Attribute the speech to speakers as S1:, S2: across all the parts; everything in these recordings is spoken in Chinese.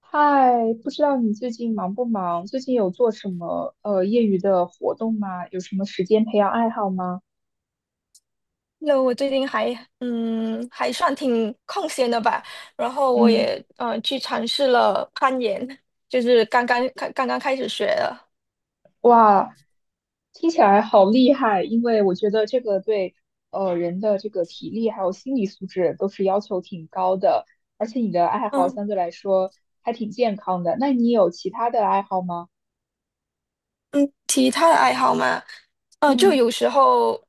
S1: 嗨，不知道你最近忙不忙？最近有做什么业余的活动吗？有什么时间培养爱好吗？
S2: 那我最近还还算挺空闲的吧，然后我
S1: 嗯，
S2: 也去尝试了攀岩，就是刚刚开始学的。
S1: 哇，听起来好厉害，因为我觉得这个对人的这个体力还有心理素质都是要求挺高的，而且你的爱好
S2: 嗯
S1: 相对来说还挺健康的。那你有其他的爱好吗？
S2: 嗯。其他的爱好嘛，就
S1: 嗯。
S2: 有时候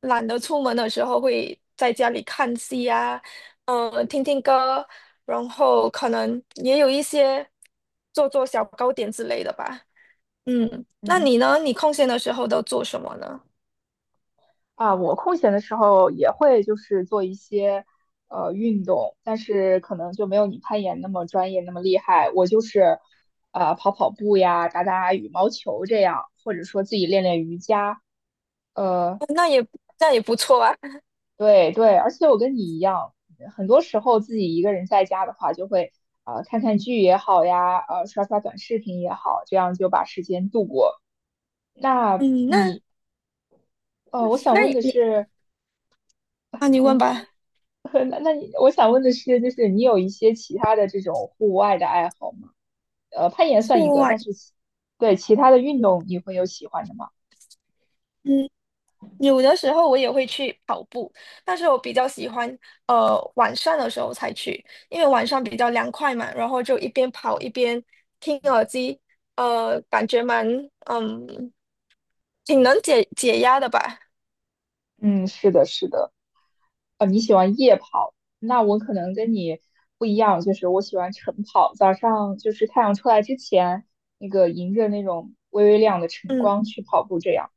S2: 懒得出门的时候，会在家里看戏啊，听听歌，然后可能也有一些做做小糕点之类的吧。嗯，那
S1: 嗯。
S2: 你呢？你空闲的时候都做什么呢？
S1: 啊，我空闲的时候也会就是做一些运动，但是可能就没有你攀岩那么专业那么厉害。我就是跑跑步呀，打打羽毛球这样，或者说自己练练瑜伽。呃，
S2: 哦，那也那也不错啊。
S1: 对对，而且我跟你一样，很多时候自己一个人在家的话，就会看看剧也好呀，刷刷短视频也好，这样就把时间度过。那
S2: 嗯，那
S1: 你我想
S2: 那
S1: 问
S2: 你
S1: 的
S2: 你
S1: 是，
S2: 啊，你问 吧。
S1: 那我想问的是，就是你有一些其他的这种户外的爱好吗？呃，攀岩算一
S2: 户
S1: 个，但
S2: 外。
S1: 是其对其他的运动你会有喜欢的吗？
S2: 嗯，有的时候我也会去跑步，但是我比较喜欢晚上的时候才去，因为晚上比较凉快嘛，然后就一边跑一边听耳机，感觉蛮嗯挺能解解压的吧。
S1: 嗯，是的，是的。哦，你喜欢夜跑，那我可能跟你不一样，就是我喜欢晨跑，早上就是太阳出来之前，那个迎着那种微微亮的晨
S2: 嗯。
S1: 光去跑步这样。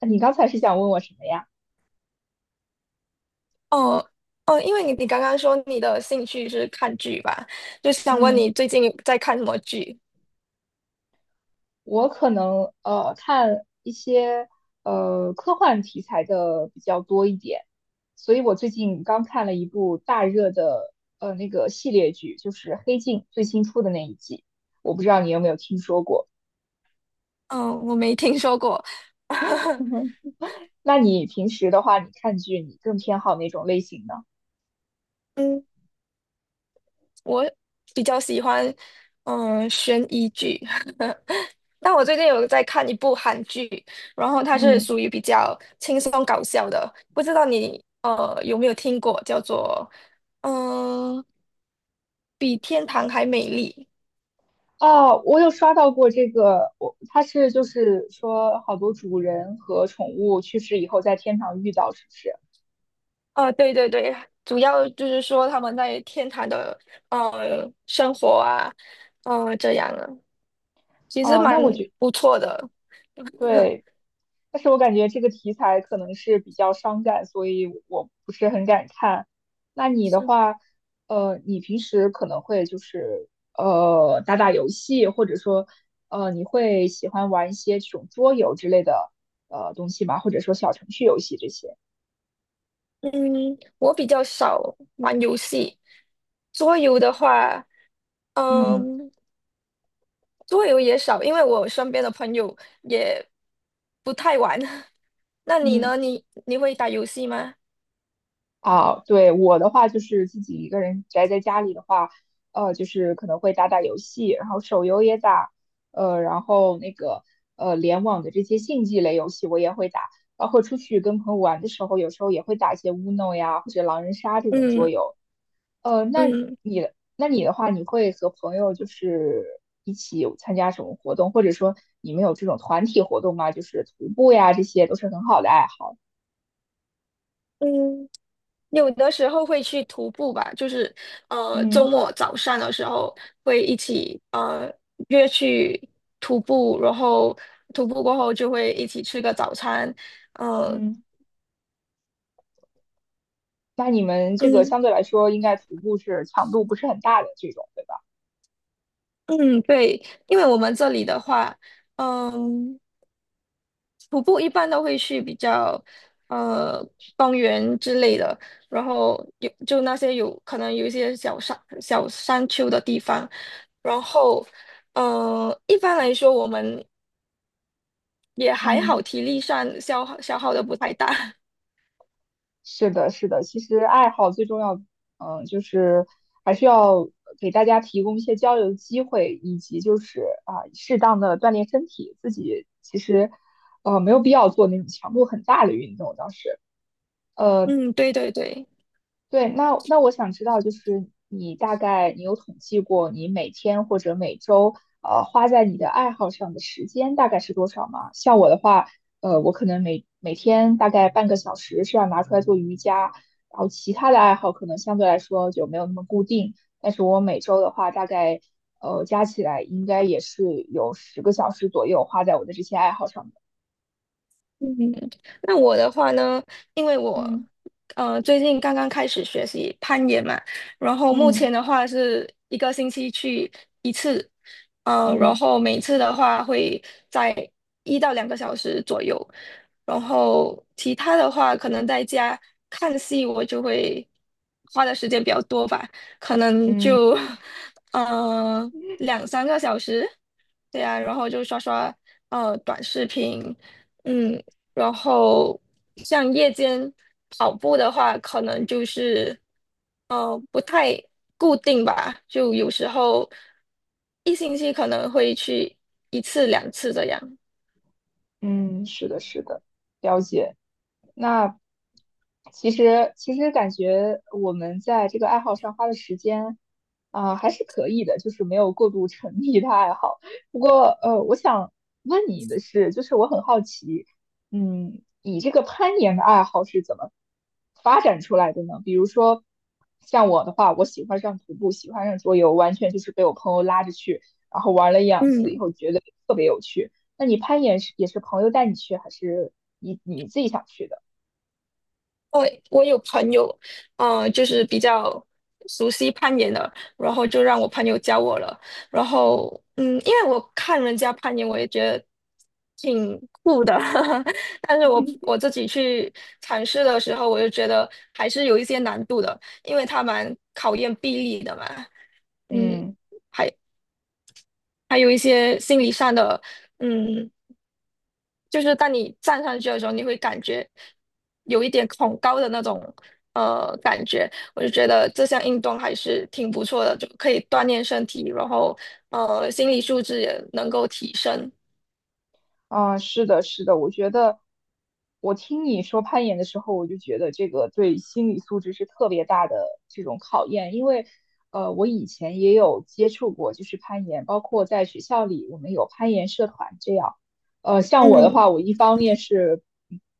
S1: 那你刚才是想问我什么呀？
S2: 哦哦，因为你刚刚说你的兴趣是看剧吧，就想问
S1: 嗯。
S2: 你最近在看什么剧？
S1: 我可能看一些科幻题材的比较多一点，所以我最近刚看了一部大热的那个系列剧，就是《黑镜》最新出的那一季，我不知道你有没有听说过。
S2: 嗯，我没听说过。
S1: 那你平时的话，你看剧你更偏好哪种类型呢？
S2: 嗯。我比较喜欢悬疑剧，但我最近有在看一部韩剧，然后它是
S1: 嗯。
S2: 属于比较轻松搞笑的，不知道你有没有听过，叫做嗯、呃比天堂还美丽。
S1: 哦，我有刷到过这个，我它是就是说好多主人和宠物去世以后在天堂遇到，是不是？
S2: 呃，对对对，主要就是说他们在天堂的生活啊，呃这样啊，其实
S1: 哦，
S2: 蛮
S1: 那我觉
S2: 不错的。
S1: 对，但是我感觉这个题材可能是比较伤感，所以我不是很敢看。那你的话，你平时可能会就是打打游戏，或者说你会喜欢玩一些这种桌游之类的东西吗？或者说小程序游戏这些？
S2: 嗯，我比较少玩游戏，桌游的话。
S1: 嗯。
S2: 嗯，桌游也少，因为我身边的朋友也不太玩。那你
S1: 嗯，
S2: 呢？你你会打游戏吗？
S1: 啊，对，我的话就是自己一个人宅在家里的话，就是可能会打打游戏，然后手游也打，然后那个联网的这些竞技类游戏我也会打，包括出去跟朋友玩的时候，有时候也会打一些 Uno 呀或者狼人杀这种桌
S2: 嗯。
S1: 游。那
S2: 嗯
S1: 你的那你的话，你会和朋友就是一起有参加什么活动，或者说你们有这种团体活动吗？就是徒步呀，这些都是很好的爱好。
S2: 嗯，有的时候会去徒步吧，就是周
S1: 嗯
S2: 末早上的时候会一起约去徒步，然后徒步过后就会一起吃个早餐，呃
S1: 嗯。那你们这个
S2: 嗯
S1: 相对来说，应该徒步是强度不是很大的这种，对吧？
S2: 嗯对，因为我们这里的话，嗯。徒步一般都会去比较呃公园之类的，然后有就那些有可能有一些小山丘的地方，然后一般来说我们也还好，
S1: 嗯，
S2: 体力上消耗的不太大。
S1: 是的，是的。其实爱好最重要，嗯，就是还是要给大家提供一些交流的机会，以及就是啊，适当的锻炼身体。自己其实没有必要做那种强度很大的运动，呃，
S2: 嗯，对对对。
S1: 对，那那我想知道，就是你大概你有统计过你每天或者每周花在你的爱好上的时间大概是多少吗？像我的话，我可能每天大概半个小时是要拿出来做瑜伽，然后其他的爱好可能相对来说就没有那么固定，但是我每周的话大概加起来应该也是有十个小时左右花在我的这些爱好上的。
S2: 嗯，那我的话呢，因为我
S1: 嗯
S2: 最近刚刚开始学习攀岩嘛，然后目
S1: 嗯
S2: 前的话是一个星期去一次，呃，然
S1: 嗯
S2: 后每次的话会在一到两个小时左右，然后其他的话可能在家看戏，我就会花的时间比较多吧，可能
S1: 嗯。
S2: 就 呃两三个小时，对啊，然后就刷刷短视频。嗯，然后像夜间跑步的话，可能就是不太固定吧，就有时候一星期可能会去一次两次这样。
S1: 嗯，是的，是的，了解。那其实感觉我们在这个爱好上花的时间啊，还是可以的，就是没有过度沉迷的爱好。不过我想问你的是，就是我很好奇，嗯，你这个攀岩的爱好是怎么发展出来的呢？比如说像我的话，我喜欢上徒步，喜欢上桌游，完全就是被我朋友拉着去，然后玩了一两次以
S2: 嗯。
S1: 后觉得特别有趣。那你攀岩是也是朋友带你去，还是你自己想去的？
S2: 我我有朋友，就是比较熟悉攀岩的，然后就让我朋友教我了。然后，嗯，因为我看人家攀岩，我也觉得挺酷的，但是我 自己去尝试的时候，我就觉得还是有一些难度的，因为它蛮考验臂力的嘛，嗯。
S1: 嗯。
S2: 还还有一些心理上的，嗯。就是当你站上去的时候，你会感觉有一点恐高的那种感觉。我就觉得这项运动还是挺不错的，就可以锻炼身体，然后心理素质也能够提升。
S1: 啊，是的，是的，我觉得我听你说攀岩的时候，我就觉得这个对心理素质是特别大的这种考验，因为我以前也有接触过，就是攀岩，包括在学校里我们有攀岩社团这样。像我的
S2: 嗯，
S1: 话，我一方面是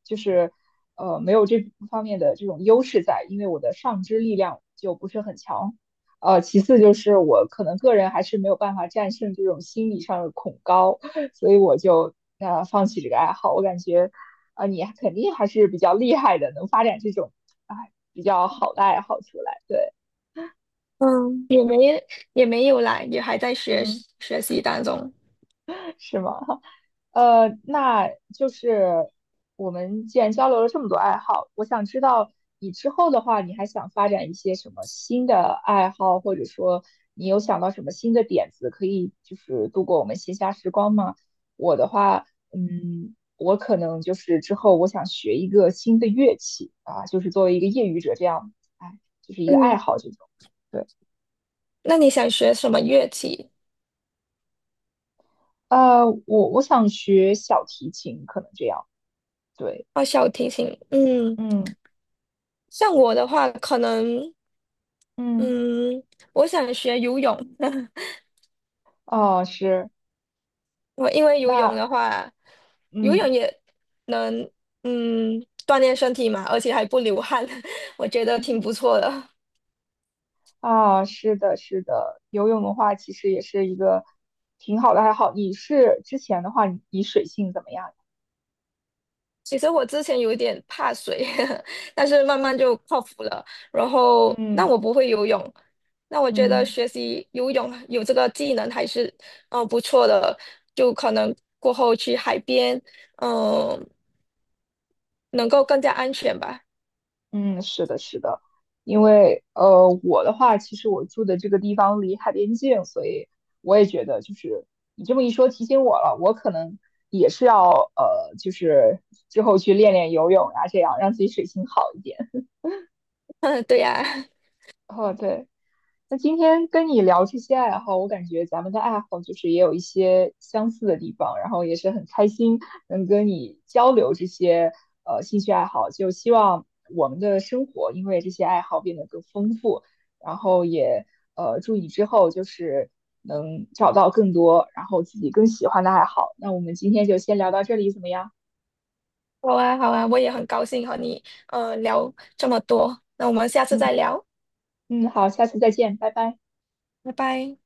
S1: 就是没有这方面的这种优势在，因为我的上肢力量就不是很强。其次就是我可能个人还是没有办法战胜这种心理上的恐高。所以我就放弃这个爱好。我感觉你肯定还是比较厉害的，能发展这种啊比较好的爱好出来。对，
S2: 嗯也没也没有来，也还在
S1: 嗯，
S2: 学习当中。
S1: 是吗？那就是我们既然交流了这么多爱好，我想知道你之后的话，你还想发展一些什么新的爱好，或者说你有想到什么新的点子，可以就是度过我们闲暇时光吗？我的话，嗯，我可能就是之后我想学一个新的乐器啊，就是作为一个业余者这样，哎，就是一个爱
S2: 嗯，
S1: 好这种。对，
S2: 那你想学什么乐器？
S1: 我想学小提琴，可能这样。对，
S2: 哦，小提琴。嗯，
S1: 嗯。
S2: 像我的话，可能
S1: 嗯。
S2: 嗯，我想学游泳。
S1: 哦，是，
S2: 我因为游泳
S1: 那
S2: 的话，游泳
S1: 嗯，
S2: 也能嗯锻炼身体嘛，而且还不流汗，我觉得挺不 错的。
S1: 啊，是的，是的，游泳的话其实也是一个挺好的爱好。你是之前的话，你水性怎么样？
S2: 其实我之前有一点怕水，但是慢慢就克服了。然后，但
S1: 嗯
S2: 我不会游泳，那我觉得
S1: 嗯。
S2: 学习游泳有这个技能还是不错的，就可能过后去海边，嗯、能够更加安全吧。
S1: 嗯，是的，是的，因为我的话，其实我住的这个地方离海边近，所以我也觉得就是你这么一说提醒我了，我可能也是要就是之后去练练游泳啊，这样让自己水性好一点。
S2: 对呀、
S1: 哦，对。那今天跟你聊这些爱好，我感觉咱们的爱好就是也有一些相似的地方，然后也是很开心能跟你交流这些兴趣爱好，就希望我们的生活因为这些爱好变得更丰富，然后也祝你之后就是能找到更多，然后自己更喜欢的爱好。那我们今天就先聊到这里，怎么样？
S2: 好啊，好啊，我也很高兴和你聊这么多，那我们下次再
S1: 嗯。
S2: 聊，
S1: 嗯，好，下次再见，拜拜。
S2: 拜拜。